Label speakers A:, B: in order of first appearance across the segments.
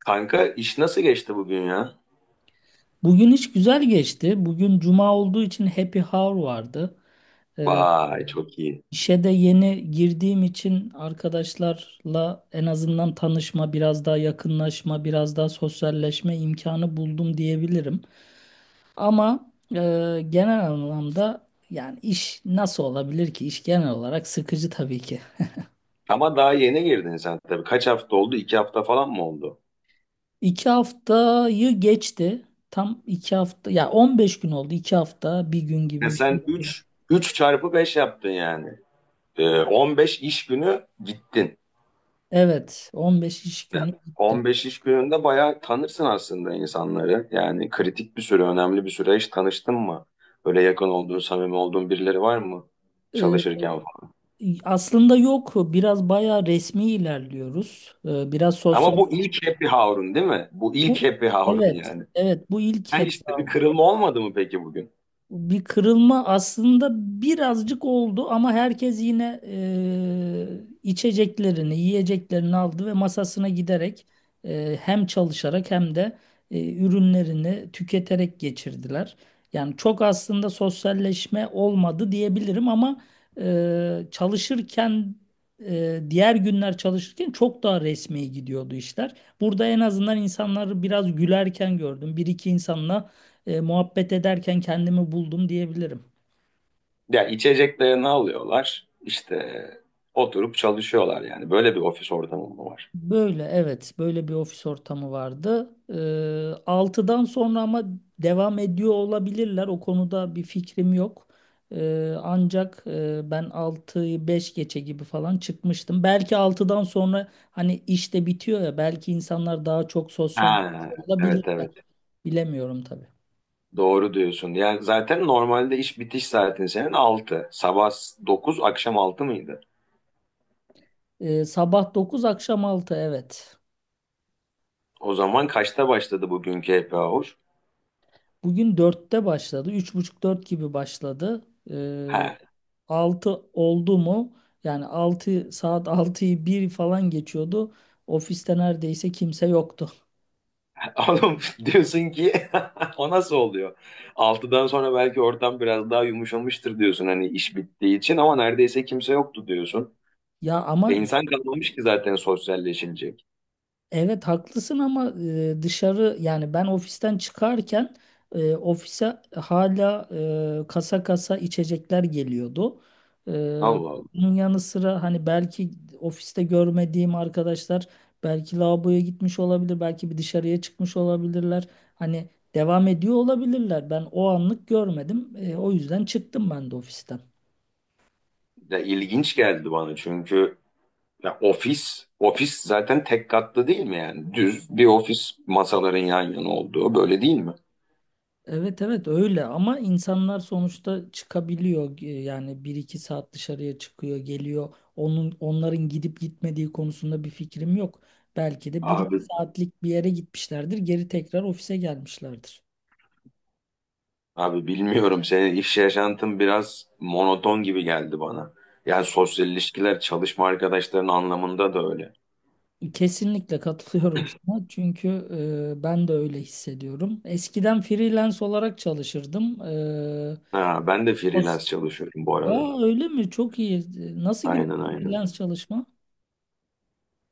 A: Kanka iş nasıl geçti bugün ya?
B: Bugün hiç güzel geçti. Bugün cuma olduğu için happy hour vardı. Ee,
A: Vay çok iyi.
B: işe de yeni girdiğim için arkadaşlarla en azından tanışma, biraz daha yakınlaşma, biraz daha sosyalleşme imkanı buldum diyebilirim. Ama genel anlamda yani iş nasıl olabilir ki? İş genel olarak sıkıcı tabii ki.
A: Ama daha yeni girdin sen tabii. Kaç hafta oldu? 2 hafta falan mı oldu?
B: 2 haftayı geçti. Tam 2 hafta, ya 15 gün oldu. 2 hafta, bir gün
A: Ya
B: gibi bir şey.
A: sen üç çarpı 5 yaptın yani. 15 iş günü gittin.
B: Evet, 15 iş
A: Yani
B: günü.
A: 15 iş gününde bayağı tanırsın aslında insanları. Yani kritik bir süre, önemli bir süre hiç tanıştın mı? Böyle yakın olduğun, samimi olduğun birileri var mı?
B: Ee,
A: Çalışırken falan.
B: aslında yok. Biraz bayağı resmi ilerliyoruz. Biraz sosyal.
A: Ama bu ilk happy hour'un değil mi? Bu ilk
B: Bu-
A: happy hour'un
B: Evet,
A: yani.
B: evet. Bu ilk
A: Ha, işte bir
B: heba.
A: kırılma olmadı mı peki bugün?
B: Bir kırılma aslında birazcık oldu ama herkes yine içeceklerini, yiyeceklerini aldı ve masasına giderek hem çalışarak hem de ürünlerini tüketerek geçirdiler. Yani çok aslında sosyalleşme olmadı diyebilirim ama çalışırken diğer günler çalışırken çok daha resmi gidiyordu işler. Burada en azından insanları biraz gülerken gördüm. Bir iki insanla muhabbet ederken kendimi buldum diyebilirim.
A: Ya içeceklerini alıyorlar. İşte oturup çalışıyorlar yani. Böyle bir ofis ortamı mı var?
B: Böyle evet, böyle bir ofis ortamı vardı. 6'dan sonra ama devam ediyor olabilirler. O konuda bir fikrim yok. Ancak ben 6'yı 5 geçe gibi falan çıkmıştım. Belki altıdan sonra hani iş de bitiyor ya, belki insanlar daha çok sosyal
A: Ha, evet
B: olabilirler.
A: evet.
B: Bilemiyorum tabii.
A: Doğru diyorsun. Ya zaten normalde iş bitiş saatin senin altı, sabah 9 akşam 6 mıydı?
B: Sabah 9, akşam altı evet.
A: O zaman kaçta başladı bugünkü happy hour?
B: Bugün 4'te başladı. Üç buçuk dört gibi başladı.
A: Ha,
B: E, 6 oldu mu? Yani 6 saat, altıyı bir falan geçiyordu. Ofiste neredeyse kimse yoktu.
A: oğlum, diyorsun ki o nasıl oluyor? 6'dan sonra belki ortam biraz daha yumuşamıştır diyorsun hani iş bittiği için, ama neredeyse kimse yoktu diyorsun.
B: Ya
A: E,
B: ama
A: insan kalmamış ki zaten sosyalleşilecek.
B: Evet, haklısın ama dışarı yani ben ofisten çıkarken ofise hala kasa kasa içecekler geliyordu. E,
A: Allah.
B: bunun yanı sıra hani belki ofiste görmediğim arkadaşlar belki lavaboya gitmiş olabilir, belki bir dışarıya çıkmış olabilirler. Hani devam ediyor olabilirler. Ben o anlık görmedim. O yüzden çıktım ben de ofisten.
A: Ya ilginç geldi bana, çünkü ya ofis zaten tek katlı değil mi yani? Düz bir ofis, masaların yan yana olduğu, böyle değil mi?
B: Evet, evet, öyle ama insanlar sonuçta çıkabiliyor. Yani bir iki saat dışarıya çıkıyor geliyor, onların gidip gitmediği konusunda bir fikrim yok, belki de bir
A: Abi
B: iki saatlik bir yere gitmişlerdir, geri tekrar ofise gelmişlerdir.
A: abi bilmiyorum, senin iş yaşantın biraz monoton gibi geldi bana. Yani sosyal ilişkiler, çalışma arkadaşlarının anlamında da öyle.
B: Kesinlikle katılıyorum sana çünkü ben de öyle hissediyorum. Eskiden freelance olarak çalışırdım.
A: Ha, ben de
B: O-
A: freelance çalışıyorum bu arada.
B: Aa, öyle mi? Çok iyi. Nasıl gidiyor
A: Aynen aynen.
B: freelance çalışma?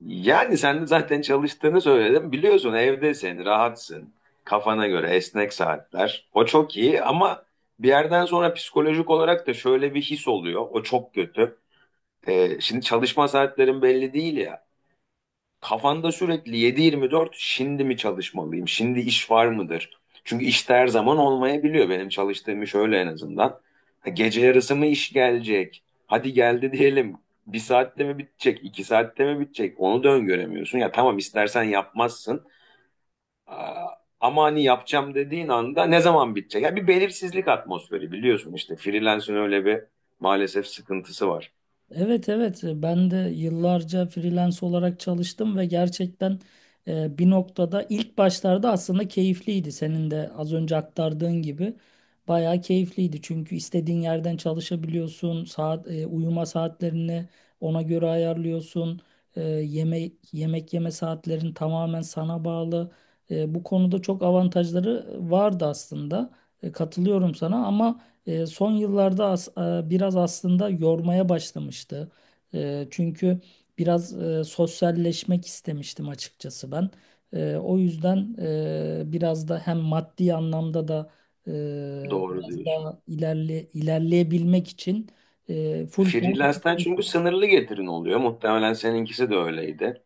A: Yani sen de zaten çalıştığını söyledim. Biliyorsun, evdesin, rahatsın. Kafana göre esnek saatler. O çok iyi, ama bir yerden sonra psikolojik olarak da şöyle bir his oluyor. O çok kötü. Şimdi çalışma saatlerin belli değil ya. Kafanda sürekli 7/24, şimdi mi çalışmalıyım? Şimdi iş var mıdır? Çünkü işte her zaman olmayabiliyor. Benim çalıştığım iş öyle en azından. Ha, gece yarısı mı iş gelecek? Hadi geldi diyelim. Bir saatte mi bitecek? İki saatte mi bitecek? Onu da öngöremiyorsun. Ya tamam, istersen yapmazsın. Aa, ama hani yapacağım dediğin anda ne zaman bitecek? Ya, bir belirsizlik atmosferi, biliyorsun işte. Freelance'ın öyle bir maalesef sıkıntısı var.
B: Evet, evet, ben de yıllarca freelance olarak çalıştım ve gerçekten bir noktada ilk başlarda aslında keyifliydi. Senin de az önce aktardığın gibi bayağı keyifliydi. Çünkü istediğin yerden çalışabiliyorsun. Uyuma saatlerini ona göre ayarlıyorsun. Yemek yeme saatlerin tamamen sana bağlı. Bu konuda çok avantajları vardı aslında. Katılıyorum sana ama son yıllarda biraz aslında yormaya başlamıştı. Çünkü biraz sosyalleşmek istemiştim açıkçası ben. O yüzden biraz da hem maddi anlamda da e,
A: Doğru
B: biraz
A: diyorsun.
B: daha ilerleyebilmek için full time.
A: Freelance'den, çünkü sınırlı getirin oluyor. Muhtemelen seninkisi de öyleydi.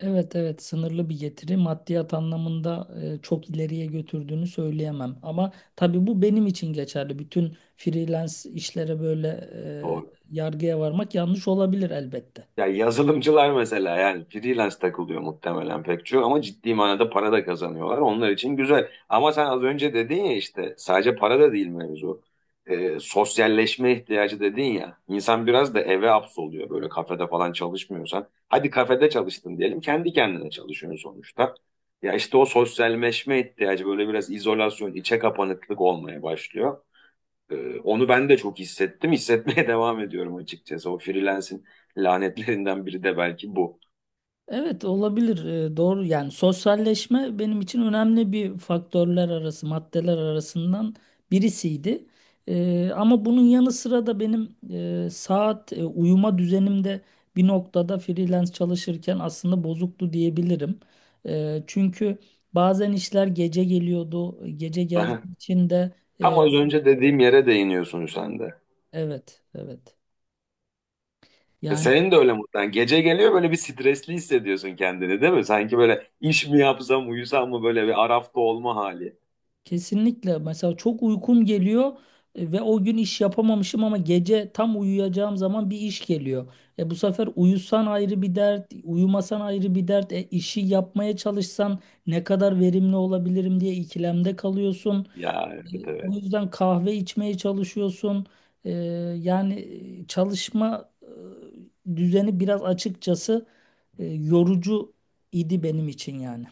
B: Evet, evet, sınırlı bir getiri, maddiyat anlamında çok ileriye götürdüğünü söyleyemem. Ama tabii bu benim için geçerli. Bütün freelance işlere böyle
A: Doğru.
B: yargıya varmak yanlış olabilir elbette.
A: Ya yazılımcılar mesela yani freelance takılıyor muhtemelen pek çok, ama ciddi manada para da kazanıyorlar. Onlar için güzel. Ama sen az önce dedin ya, işte sadece para da değil mevzu. Sosyalleşme ihtiyacı dedin ya. İnsan biraz da eve hapsoluyor, böyle kafede falan çalışmıyorsan. Hadi kafede çalıştın diyelim, kendi kendine çalışıyorsun sonuçta. Ya işte o sosyalleşme ihtiyacı böyle biraz izolasyon, içe kapanıklık olmaya başlıyor. Onu ben de çok hissettim. Hissetmeye devam ediyorum açıkçası. O freelance'in lanetlerinden biri de belki bu.
B: Evet, olabilir. Doğru yani sosyalleşme benim için önemli bir faktörler arası, maddeler arasından birisiydi. Ama bunun yanı sıra da benim uyuma düzenimde bir noktada freelance çalışırken aslında bozuktu diyebilirim. Çünkü bazen işler gece geliyordu, gece
A: Daha-
B: geldiği için de
A: Tam
B: e,
A: az önce dediğim yere değiniyorsun sen de.
B: evet, evet,
A: E,
B: yani.
A: senin de öyle mutlaka. Gece geliyor, böyle bir stresli hissediyorsun kendini değil mi? Sanki böyle iş mi yapsam, uyusam mı, böyle bir arafta olma hali.
B: Kesinlikle. Mesela çok uykum geliyor ve o gün iş yapamamışım ama gece tam uyuyacağım zaman bir iş geliyor. Bu sefer uyusan ayrı bir dert, uyumasan ayrı bir dert. E işi yapmaya çalışsan ne kadar verimli olabilirim diye ikilemde kalıyorsun.
A: Ya
B: E,
A: evet
B: o
A: evet.
B: yüzden kahve içmeye çalışıyorsun. E, yani çalışma düzeni biraz açıkçası yorucu idi benim için yani.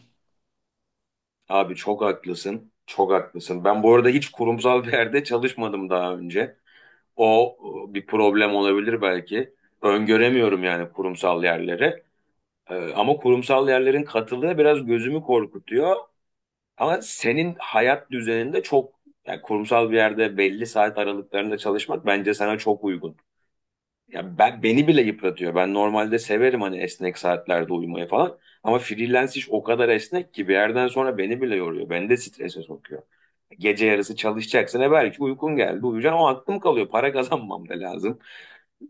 A: Abi çok haklısın. Çok haklısın. Ben bu arada hiç kurumsal bir yerde çalışmadım daha önce. O bir problem olabilir belki. Öngöremiyorum yani kurumsal yerleri. Ama kurumsal yerlerin katılığı biraz gözümü korkutuyor. Ama senin hayat düzeninde çok, yani kurumsal bir yerde belli saat aralıklarında çalışmak bence sana çok uygun. Ya ben, beni bile yıpratıyor. Ben normalde severim hani esnek saatlerde uyumayı falan. Ama freelance iş o kadar esnek ki bir yerden sonra beni bile yoruyor. Beni de strese sokuyor. Gece yarısı çalışacaksın. E, belki uykun geldi, uyuyacaksın. O aklım kalıyor. Para kazanmam da lazım.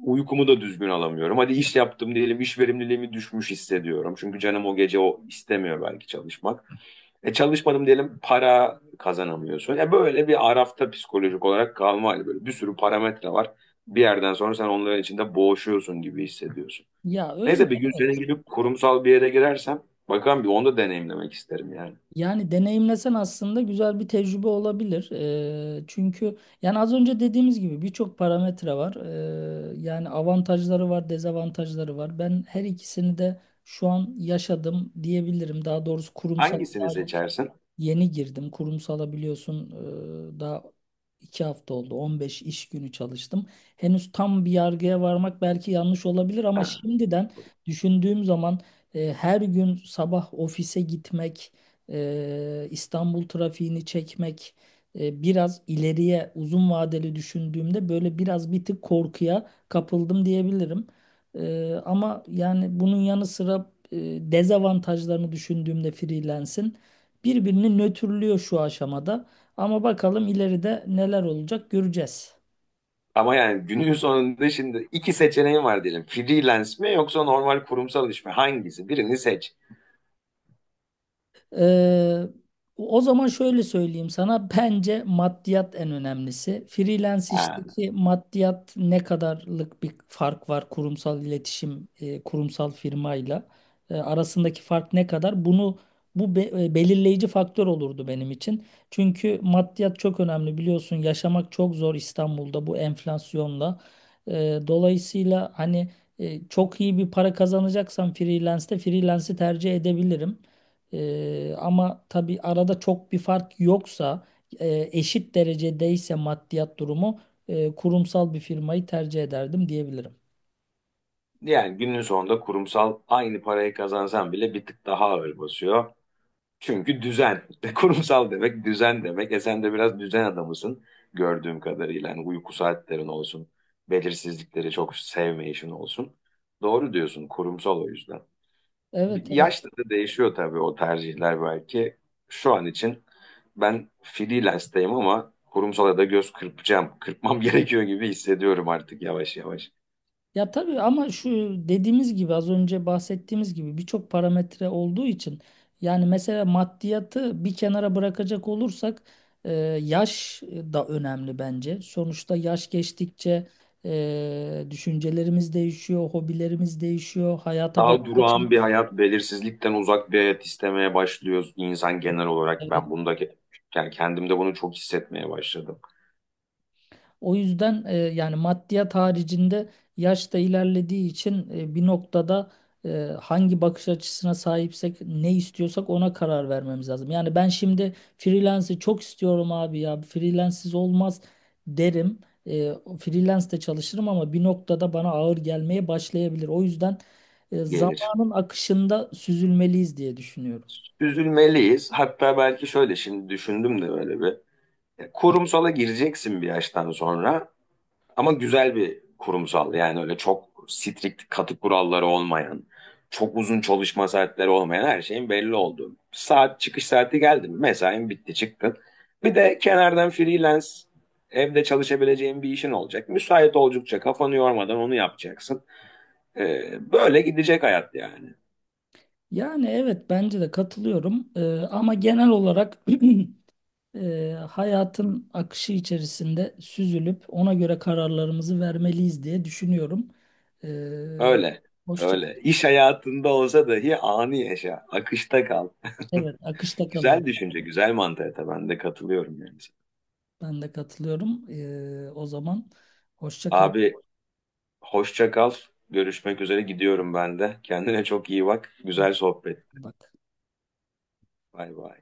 A: Uykumu da düzgün alamıyorum. Hadi iş yaptım diyelim, iş verimliliğimi düşmüş hissediyorum. Çünkü canım o gece o istemiyor belki çalışmak. E, çalışmadım diyelim, para kazanamıyorsun. Ya böyle bir arafta psikolojik olarak kalma hali, böyle bir sürü parametre var. Bir yerden sonra sen onların içinde boğuşuyorsun gibi hissediyorsun.
B: Ya, öyle.
A: Neyse, bir gün senin
B: Evet.
A: gibi kurumsal bir yere girersem bakalım, bir onu da deneyimlemek isterim yani.
B: Yani deneyimlesen aslında güzel bir tecrübe olabilir. Çünkü yani az önce dediğimiz gibi birçok parametre var. Yani avantajları var, dezavantajları var. Ben her ikisini de şu an yaşadım diyebilirim. Daha doğrusu kurumsal.
A: Hangisini seçersin?
B: Yeni girdim. Kurumsala biliyorsun daha 2 hafta oldu. 15 iş günü çalıştım. Henüz tam bir yargıya varmak belki yanlış olabilir ama
A: Ha.
B: şimdiden düşündüğüm zaman her gün sabah ofise gitmek, İstanbul trafiğini çekmek, biraz ileriye uzun vadeli düşündüğümde böyle biraz bir tık korkuya kapıldım diyebilirim. Ama yani bunun yanı sıra dezavantajlarını düşündüğümde freelance'in birbirini nötrlüyor şu aşamada. Ama bakalım ileride neler olacak, göreceğiz.
A: Ama yani günün sonunda şimdi iki seçeneğin var diyelim. Freelance mi yoksa normal kurumsal iş mi? Hangisi? Birini seç.
B: Ee, o zaman şöyle söyleyeyim sana, bence maddiyat en önemlisi. Freelance
A: Ha,
B: işteki maddiyat ne kadarlık bir fark var kurumsal iletişim, kurumsal firmayla arasındaki fark ne kadar? Bunu bu be- e, belirleyici faktör olurdu benim için. Çünkü maddiyat çok önemli, biliyorsun yaşamak çok zor İstanbul'da bu enflasyonla. Dolayısıyla hani çok iyi bir para kazanacaksam freelance'i tercih edebilirim. Ama tabii arada çok bir fark yoksa, eşit derecedeyse maddiyat durumu, kurumsal bir firmayı tercih ederdim diyebilirim.
A: yani günün sonunda kurumsal, aynı parayı kazansan bile bir tık daha ağır basıyor. Çünkü düzen. Kurumsal demek düzen demek. E, sen de biraz düzen adamısın gördüğüm kadarıyla. Yani uyku saatlerin olsun. Belirsizlikleri çok sevmeyişin olsun. Doğru diyorsun, kurumsal o yüzden.
B: Evet, evet.
A: Yaşla da değişiyor tabii o tercihler belki. Şu an için ben freelance'deyim, ama kurumsala da göz kırpacağım. Kırpmam gerekiyor gibi hissediyorum artık yavaş yavaş.
B: Ya tabii ama şu dediğimiz gibi, az önce bahsettiğimiz gibi birçok parametre olduğu için yani, mesela maddiyatı bir kenara bırakacak olursak e, yaş da önemli bence. Sonuçta yaş geçtikçe düşüncelerimiz değişiyor, hobilerimiz değişiyor, hayata bakış
A: Daha durağan bir
B: açımız.
A: hayat, belirsizlikten uzak bir hayat istemeye başlıyoruz, insan genel olarak.
B: Evet.
A: Ben bunda, yani kendimde bunu çok hissetmeye başladım.
B: O yüzden yani maddiyat haricinde yaş da ilerlediği için bir noktada e, hangi bakış açısına sahipsek, ne istiyorsak ona karar vermemiz lazım. Yani ben şimdi freelance'i çok istiyorum abi, ya freelance'siz olmaz derim. E, freelance de çalışırım ama bir noktada bana ağır gelmeye başlayabilir. O yüzden
A: Gelir.
B: zamanın akışında süzülmeliyiz diye düşünüyorum.
A: Üzülmeliyiz. Hatta belki şöyle, şimdi düşündüm de böyle bir. Kurumsala gireceksin bir yaştan sonra. Ama güzel bir kurumsal, yani öyle çok strict katı kuralları olmayan, çok uzun çalışma saatleri olmayan, her şeyin belli olduğu. Saat çıkış saati geldi mi, mesain bitti, çıktın. Bir de kenardan freelance, evde çalışabileceğin bir işin olacak. Müsait oldukça, kafanı yormadan onu yapacaksın. Böyle gidecek hayat yani.
B: Yani evet, bence de katılıyorum. Ama genel olarak hayatın akışı içerisinde süzülüp ona göre kararlarımızı vermeliyiz diye düşünüyorum. Ee,
A: Öyle.
B: hoşça,
A: Öyle. İş hayatında olsa dahi anı yaşa. Akışta kal.
B: evet, akışta kalalım.
A: Güzel düşünce, güzel mantığa ben de katılıyorum yani.
B: Ben de katılıyorum. O zaman hoşça kal.
A: Abi hoşça kal. Görüşmek üzere, gidiyorum ben de. Kendine çok iyi bak. Güzel sohbet.
B: Bak.
A: Bay bay.